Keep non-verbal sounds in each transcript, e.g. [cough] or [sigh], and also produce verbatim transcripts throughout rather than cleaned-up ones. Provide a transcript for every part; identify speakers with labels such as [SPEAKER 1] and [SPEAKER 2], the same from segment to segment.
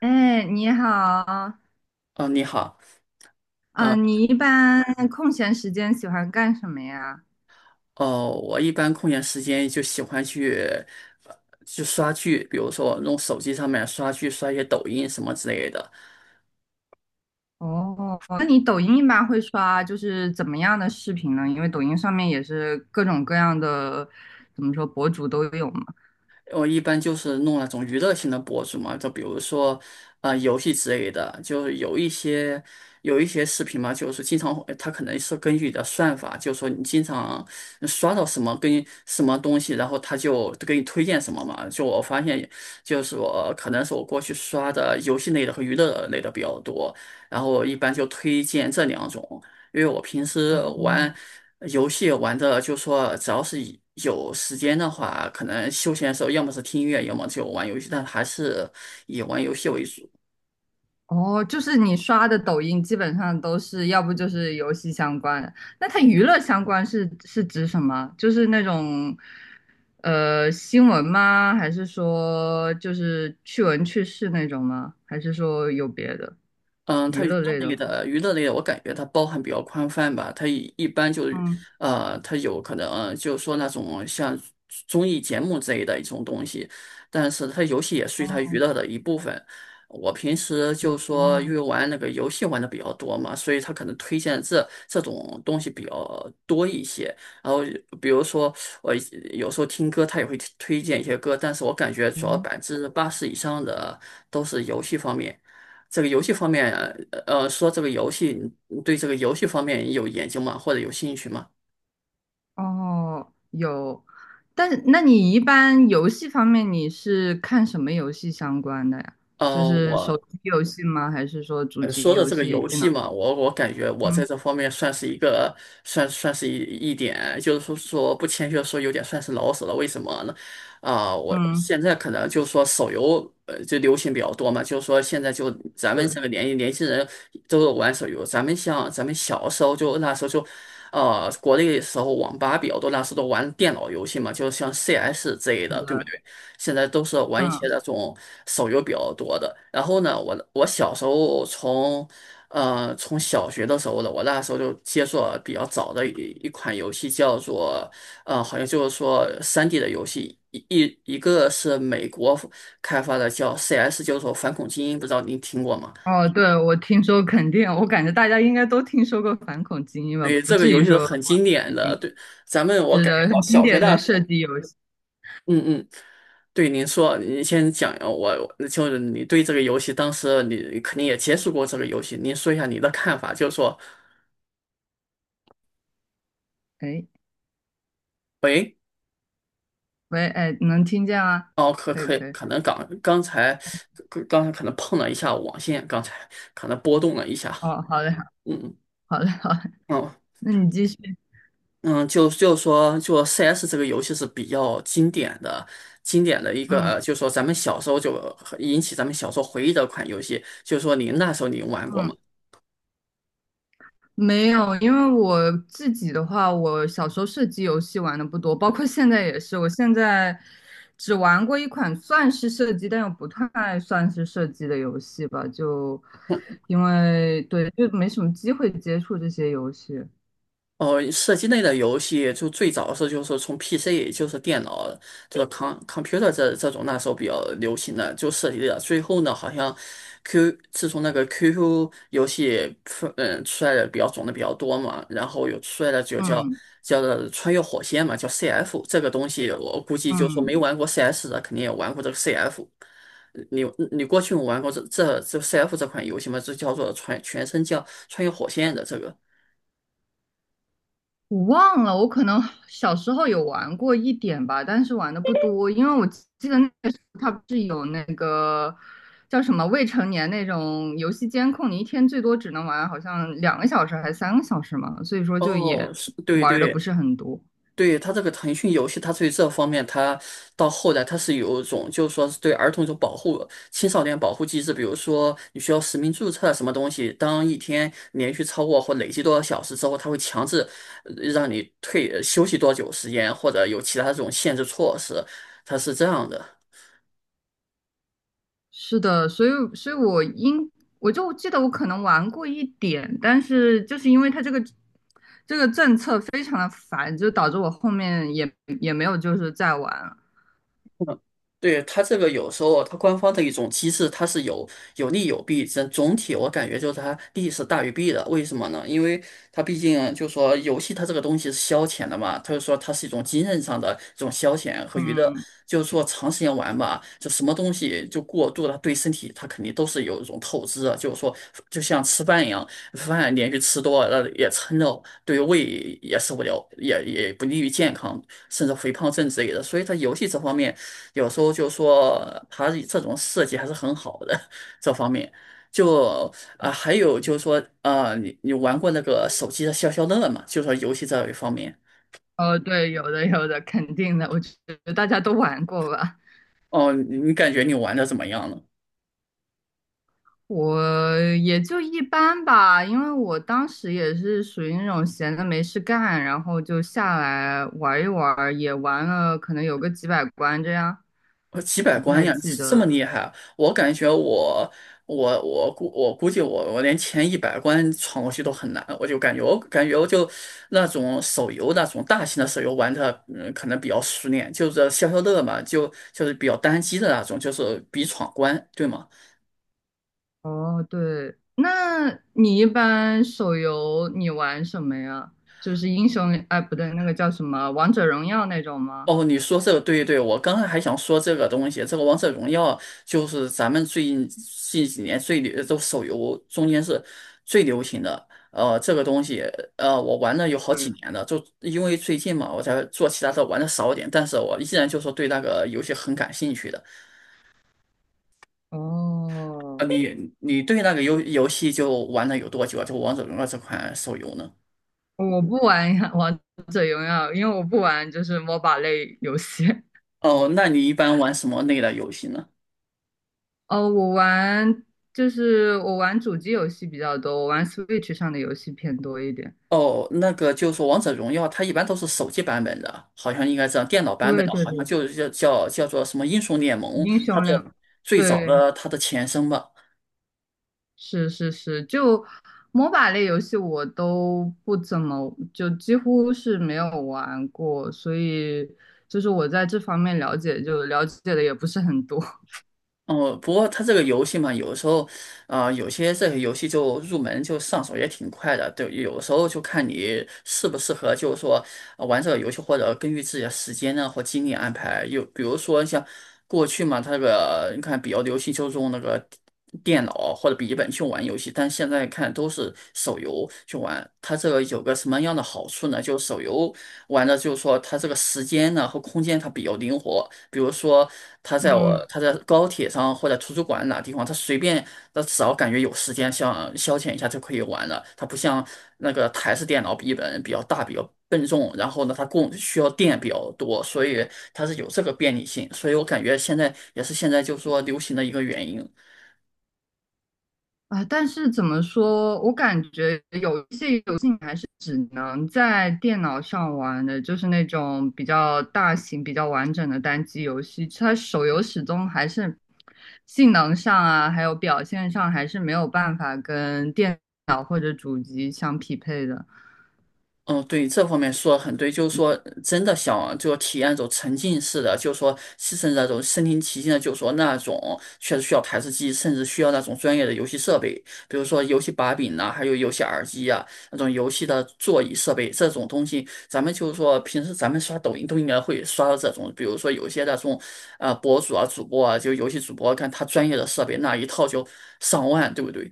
[SPEAKER 1] 哎，你好。
[SPEAKER 2] 哦，你好。呃，
[SPEAKER 1] 嗯、你一般空闲时间喜欢干什么呀？
[SPEAKER 2] 哦，我一般空闲时间就喜欢去，呃去刷剧，比如说我用手机上面刷剧，刷一些抖音什么之类的。
[SPEAKER 1] 哦，那你抖音一般会刷就是怎么样的视频呢？因为抖音上面也是各种各样的，怎么说，博主都有嘛。
[SPEAKER 2] 我一般就是弄那种娱乐性的博主嘛，就比如说，啊，游戏之类的，就是有一些有一些视频嘛，就是经常会它可能是根据你的算法，就是说你经常刷到什么跟什么东西，然后它就给你推荐什么嘛。就我发现，就是我可能是我过去刷的游戏类的和娱乐类的比较多，然后我一般就推荐这两种。因为我平时玩
[SPEAKER 1] 哦。
[SPEAKER 2] 呃游戏玩的，就说只要是以有时间的话，可能休闲的时候，要么是听音乐，要么就玩游戏，但还是以玩游戏为主。
[SPEAKER 1] 哦，就是你刷的抖音基本上都是，要不就是游戏相关的。那它娱乐相关是是指什么？就是那种呃新闻吗？还是说就是趣闻趣事那种吗？还是说有别的
[SPEAKER 2] 嗯，
[SPEAKER 1] 娱
[SPEAKER 2] 它娱
[SPEAKER 1] 乐
[SPEAKER 2] 乐
[SPEAKER 1] 类
[SPEAKER 2] 类
[SPEAKER 1] 的？
[SPEAKER 2] 的娱乐类的，我感觉它包含比较宽泛吧。它一一般就是，
[SPEAKER 1] 嗯。
[SPEAKER 2] 呃，它有可能呃就是说那种像综艺节目之类的一种东西，但是它游戏也属于它
[SPEAKER 1] 哦。
[SPEAKER 2] 娱乐的一部分。我平时就说因
[SPEAKER 1] 哦。
[SPEAKER 2] 为玩那个游戏玩的比较多嘛，所以它可能推荐这这种东西比较多一些。然后比如说我有时候听歌，它也会推荐一些歌，但是我感觉主要
[SPEAKER 1] 嗯。
[SPEAKER 2] 百分之八十以上的都是游戏方面。这个游戏方面，呃，呃说这个游戏，你对这个游戏方面有研究吗？或者有兴趣吗？
[SPEAKER 1] 哦，有。但是那你一般游戏方面你是看什么游戏相关的呀？就
[SPEAKER 2] 呃，
[SPEAKER 1] 是手
[SPEAKER 2] 我
[SPEAKER 1] 机游戏吗？还是说主
[SPEAKER 2] 呃，
[SPEAKER 1] 机
[SPEAKER 2] 说到
[SPEAKER 1] 游
[SPEAKER 2] 这个
[SPEAKER 1] 戏、
[SPEAKER 2] 游
[SPEAKER 1] 电
[SPEAKER 2] 戏
[SPEAKER 1] 脑？
[SPEAKER 2] 嘛，我我感觉我在
[SPEAKER 1] 嗯
[SPEAKER 2] 这方面算是一个算算是一一点，就是说说不谦虚地说，有点算是老手了。为什么呢？啊、我
[SPEAKER 1] 嗯，
[SPEAKER 2] 现在可能就是说手游呃就流行比较多嘛，就是说现在就咱们这
[SPEAKER 1] 是
[SPEAKER 2] 个年年轻人都有玩手游，咱们像咱们小时候就那时候就。呃，国内的时候网吧比较多，那时候都玩电脑游戏嘛，就像 C S 之类
[SPEAKER 1] 是
[SPEAKER 2] 的，对不
[SPEAKER 1] 的，
[SPEAKER 2] 对？现在都是玩一些
[SPEAKER 1] 嗯。
[SPEAKER 2] 那种手游比较多的。然后呢，我我小时候从，呃，从小学的时候呢，我那时候就接触了比较早的一一款游戏，叫做，呃，好像就是说 三 D 的游戏，一一一个是美国开发的，叫 C S,就是说反恐精英，不知道您听过吗？
[SPEAKER 1] 哦，对，我听说肯定，我感觉大家应该都听说过反恐精英吧，
[SPEAKER 2] 对，
[SPEAKER 1] 不
[SPEAKER 2] 这个
[SPEAKER 1] 至
[SPEAKER 2] 游
[SPEAKER 1] 于
[SPEAKER 2] 戏是
[SPEAKER 1] 说
[SPEAKER 2] 很经
[SPEAKER 1] 没
[SPEAKER 2] 典
[SPEAKER 1] 听
[SPEAKER 2] 的，
[SPEAKER 1] 过。
[SPEAKER 2] 对，咱们我
[SPEAKER 1] 是
[SPEAKER 2] 感觉
[SPEAKER 1] 的，
[SPEAKER 2] 到
[SPEAKER 1] 很经
[SPEAKER 2] 小学
[SPEAKER 1] 典的
[SPEAKER 2] 那。
[SPEAKER 1] 射击游戏。
[SPEAKER 2] 嗯嗯，对，您说，您先讲，呃我就是你对这个游戏，当时你肯定也接触过这个游戏，您说一下你的看法，就是说，
[SPEAKER 1] 哎，
[SPEAKER 2] 喂。
[SPEAKER 1] 喂，哎，能听见吗？
[SPEAKER 2] 哦，可
[SPEAKER 1] 可以
[SPEAKER 2] 可以，
[SPEAKER 1] 可以。
[SPEAKER 2] 可能刚刚才刚刚才可能碰了一下网线，刚才可能波动了一下。
[SPEAKER 1] 哦，好嘞
[SPEAKER 2] 嗯
[SPEAKER 1] 好嘞好嘞。
[SPEAKER 2] 嗯
[SPEAKER 1] 那你继续。
[SPEAKER 2] 嗯，就就说就 C S 这个游戏是比较经典的，经典的一个，
[SPEAKER 1] 嗯
[SPEAKER 2] 呃就说咱们小时候就引起咱们小时候回忆的一款游戏，就是说您那时候您玩过
[SPEAKER 1] 嗯。
[SPEAKER 2] 吗？
[SPEAKER 1] 没有，因为我自己的话，我小时候射击游戏玩的不多，包括现在也是。我现在只玩过一款算是射击，但又不太算是射击的游戏吧，就因为对，就没什么机会接触这些游戏。
[SPEAKER 2] 哦，射击类的游戏就最早是就是从 P C,就是电脑，这个 com computer 这这种那时候比较流行的就涉及的。最后呢，好像 Q 自从那个 Q Q 游戏出嗯出来的比较种的比较多嘛，然后有出来的就叫
[SPEAKER 1] 嗯
[SPEAKER 2] 叫做穿越火线嘛，叫 C F 这个东西，我估计就说没
[SPEAKER 1] 嗯。
[SPEAKER 2] 玩过 CS 的肯定也玩过这个 CF。你你过去有玩过这这这 C F 这款游戏吗？这叫做穿全身叫穿越火线的这个。
[SPEAKER 1] 我忘了，我可能小时候有玩过一点吧，但是玩的不多，因为我记得那个时候它不是有那个叫什么未成年那种游戏监控，你一天最多只能玩好像两个小时还是三个小时嘛，所以说就也
[SPEAKER 2] 哦，是，对
[SPEAKER 1] 玩的
[SPEAKER 2] 对
[SPEAKER 1] 不是很多。
[SPEAKER 2] 对，它这个腾讯游戏，它对这方面，它到后来它是有一种，就是说是对儿童一种保护、青少年保护机制，比如说你需要实名注册啊什么东西，当一天连续超过或累计多少小时之后，它会强制呃让你退呃休息多久时间，或者有其他这种限制措施，它是这样的。
[SPEAKER 1] 是的，所以所以我应我就记得我可能玩过一点，但是就是因为它这个这个政策非常的烦，就导致我后面也也没有就是再玩。
[SPEAKER 2] 嗯，对，它这个有时候它官方的一种机制，它是有有利有弊。整总体我感觉就是它利是大于弊的。为什么呢？因为它毕竟就说游戏它这个东西是消遣的嘛，它就说它是一种精神上的这种消遣和娱乐。
[SPEAKER 1] 嗯。
[SPEAKER 2] 就是说长时间玩吧，就什么东西就过度了，对身体它肯定都是有一种透支的。就是说，就像吃饭一样，饭连续吃多了也撑着，对胃也受不了，也也不利于健康，甚至肥胖症之类的。所以它游戏这方面。有时候就说它这种设计还是很好的，这方面。就啊、呃还有就是说，啊你你玩过那个手机的消消乐吗？就说游戏这一方面。
[SPEAKER 1] 哦，对，有的有的，肯定的，我觉得大家都玩过吧。
[SPEAKER 2] 哦，你你感觉你玩的怎么样呢？
[SPEAKER 1] 我也就一般吧，因为我当时也是属于那种闲的没事干，然后就下来玩一玩儿也玩了可能有个几百关这样，
[SPEAKER 2] 呃，几百
[SPEAKER 1] 我不
[SPEAKER 2] 关
[SPEAKER 1] 太
[SPEAKER 2] 呀，
[SPEAKER 1] 记
[SPEAKER 2] 这
[SPEAKER 1] 得
[SPEAKER 2] 么
[SPEAKER 1] 了。
[SPEAKER 2] 厉害啊我感觉我我我估我估计我我连前一百关闯过去都很难，我就感觉我感觉我就那种手游那种大型的手游玩的，嗯，可能比较熟练，就是消消乐嘛，就就是比较单机的那种，就是比闯关，对吗？
[SPEAKER 1] 哦，对，那你一般手游你玩什么呀？就是英雄联，哎，不对，那个叫什么《王者荣耀》那种吗？
[SPEAKER 2] 哦，你说这个对，对，我刚才还想说这个东西，这个王者荣耀就是咱们最近近几年最流，都手游中间是最流行的。呃，这个东西，呃，我玩了有好几
[SPEAKER 1] 对。
[SPEAKER 2] 年了，就因为最近嘛，我才做其他的玩的少一点，但是我依然就是对那个游戏很感兴趣的。
[SPEAKER 1] 哦，
[SPEAKER 2] 呃，你你对那个游游戏就玩了有多久啊？就王者荣耀这款手游呢？
[SPEAKER 1] 我不玩 [laughs] 王者荣耀，因为我不玩就是 M O B A 类游戏。[laughs]
[SPEAKER 2] 哦，那你一般玩什么类的游戏呢？
[SPEAKER 1] 哦，我玩就是我玩主机游戏比较多，我玩 Switch 上的游戏偏多一点。
[SPEAKER 2] 哦，那个就是说王者荣耀》它一般都是手机版本的，好像应该这样。电脑版本
[SPEAKER 1] 对
[SPEAKER 2] 的，
[SPEAKER 1] 对
[SPEAKER 2] 好像
[SPEAKER 1] 对，
[SPEAKER 2] 就是叫叫叫做什么《英雄联盟》，
[SPEAKER 1] 英
[SPEAKER 2] 它
[SPEAKER 1] 雄联，
[SPEAKER 2] 的最早
[SPEAKER 1] 对，
[SPEAKER 2] 的它的前身吧。
[SPEAKER 1] 是是是，就 M O B A 类游戏我都不怎么，就几乎是没有玩过，所以就是我在这方面了解就了解的也不是很多。[laughs]
[SPEAKER 2] 哦，不过它这个游戏嘛，有的时候，啊、有些这个游戏就入门就上手也挺快的，对，有的时候就看你适不适合，就是说、呃玩这个游戏，或者根据自己的时间呢或精力安排。有比如说像过去嘛，它这个你看比较流行就是用那个电脑或者笔记本去玩游戏，但现在看都是手游去玩。它这个有个什么样的好处呢？就手游玩的就是说它这个时间呢和空间它比较灵活，比如说它在我
[SPEAKER 1] 嗯。
[SPEAKER 2] 它在高铁上或者图书馆哪地方，它随便它只要感觉有时间想消遣一下就可以玩了，它不像那个台式电脑笔记本比较大比较。笨重，然后呢，它供需要电比较多，所以它是有这个便利性，所以我感觉现在也是现在就是说流行的一个原因。
[SPEAKER 1] 啊，但是怎么说，我感觉有一些游只能在电脑上玩的，就是那种比较大型、比较完整的单机游戏。它手游始终还是性能上啊，还有表现上，还是没有办法跟电脑或者主机相匹配的。
[SPEAKER 2] 嗯，对，这方面说得很对，就是说，真的想就体验一种沉浸式的，就是说，牺牲那种身临其境的，就是说那种确实需要台式机，甚至需要那种专业的游戏设备，比如说游戏把柄呐、还有游戏耳机啊，那种游戏的座椅设备这种东西，咱们就是说平时咱们刷抖音都应该会刷到这种，比如说有些那种呃博主啊、主播啊，就游戏主播，看他专业的设备那一套就上万，对不对？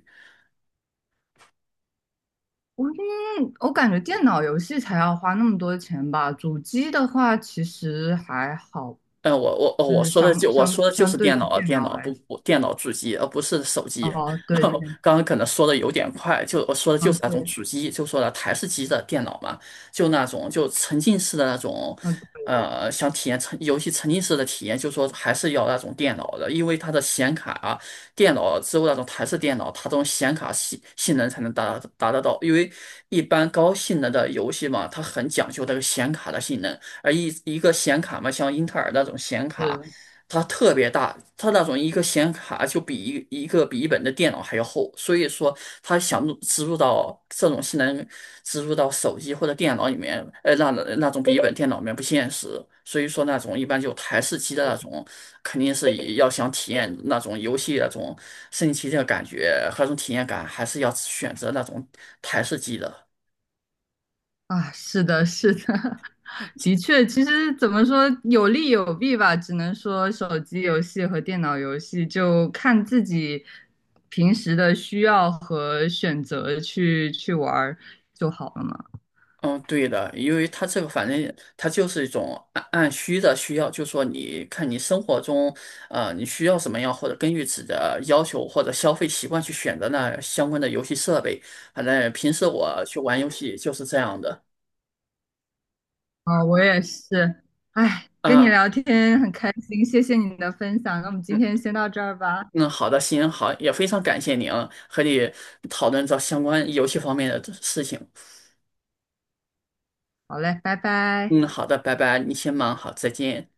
[SPEAKER 1] 我嗯，我感觉电脑游戏才要花那么多钱吧，主机的话其实还好，
[SPEAKER 2] 呃，我我哦，
[SPEAKER 1] 就
[SPEAKER 2] 我
[SPEAKER 1] 是
[SPEAKER 2] 说的
[SPEAKER 1] 相
[SPEAKER 2] 就我
[SPEAKER 1] 相
[SPEAKER 2] 说的就
[SPEAKER 1] 相
[SPEAKER 2] 是
[SPEAKER 1] 对于
[SPEAKER 2] 电脑，
[SPEAKER 1] 电
[SPEAKER 2] 电
[SPEAKER 1] 脑
[SPEAKER 2] 脑
[SPEAKER 1] 来
[SPEAKER 2] 不
[SPEAKER 1] 说。
[SPEAKER 2] 不电脑主机，而不是手机。
[SPEAKER 1] 哦，
[SPEAKER 2] [laughs]
[SPEAKER 1] 对对。
[SPEAKER 2] 刚刚可能说的有点快，就我说的就是
[SPEAKER 1] 嗯
[SPEAKER 2] 那种
[SPEAKER 1] 对。
[SPEAKER 2] 主机，就说了台式机的电脑嘛，就那种就沉浸式的那种。
[SPEAKER 1] 嗯对。
[SPEAKER 2] 呃，想体验沉游戏沉浸式的体验，就说还是要那种电脑的，因为它的显卡啊，电脑之后那种台式电脑，它这种显卡性性能才能达达得到，因为一般高性能的游戏嘛，它很讲究这个显卡的性能。呃一一个显卡嘛，像英特尔那种显卡，
[SPEAKER 1] 是
[SPEAKER 2] 它特别大，它那种一个显卡就比一一个笔记本的电脑还要厚，所以说它想入植入到这种性能植入到手机或者电脑里面，呃那那种笔记本电脑里面不现实，所以说那种一般就台式机的那种，肯定是以要想体验那种游戏那种升级的感觉和那种体验感，还是要选择那种台式机的。
[SPEAKER 1] 啊，是的，是的，[laughs] 的确，其实怎么说有利有弊吧，只能说手机游戏和电脑游戏就看自己平时的需要和选择去去玩儿就好了嘛。
[SPEAKER 2] 嗯，对的，因为它这个反正它就是一种按按需的需要，就说你看你生活中，呃，你需要什么样，或者根据自己的要求或者消费习惯去选择那相关的游戏设备。反正平时我去玩游戏就是这样的。
[SPEAKER 1] 啊，我也是。哎，跟你
[SPEAKER 2] 啊，
[SPEAKER 1] 聊天很开心，谢谢你的分享，那我们今
[SPEAKER 2] 嗯
[SPEAKER 1] 天先到这儿吧。
[SPEAKER 2] 嗯，好的，行，好，也非常感谢您和你讨论这相关游戏方面的事情。
[SPEAKER 1] 好嘞，拜拜。
[SPEAKER 2] 嗯，好的，拜拜，你先忙好，再见。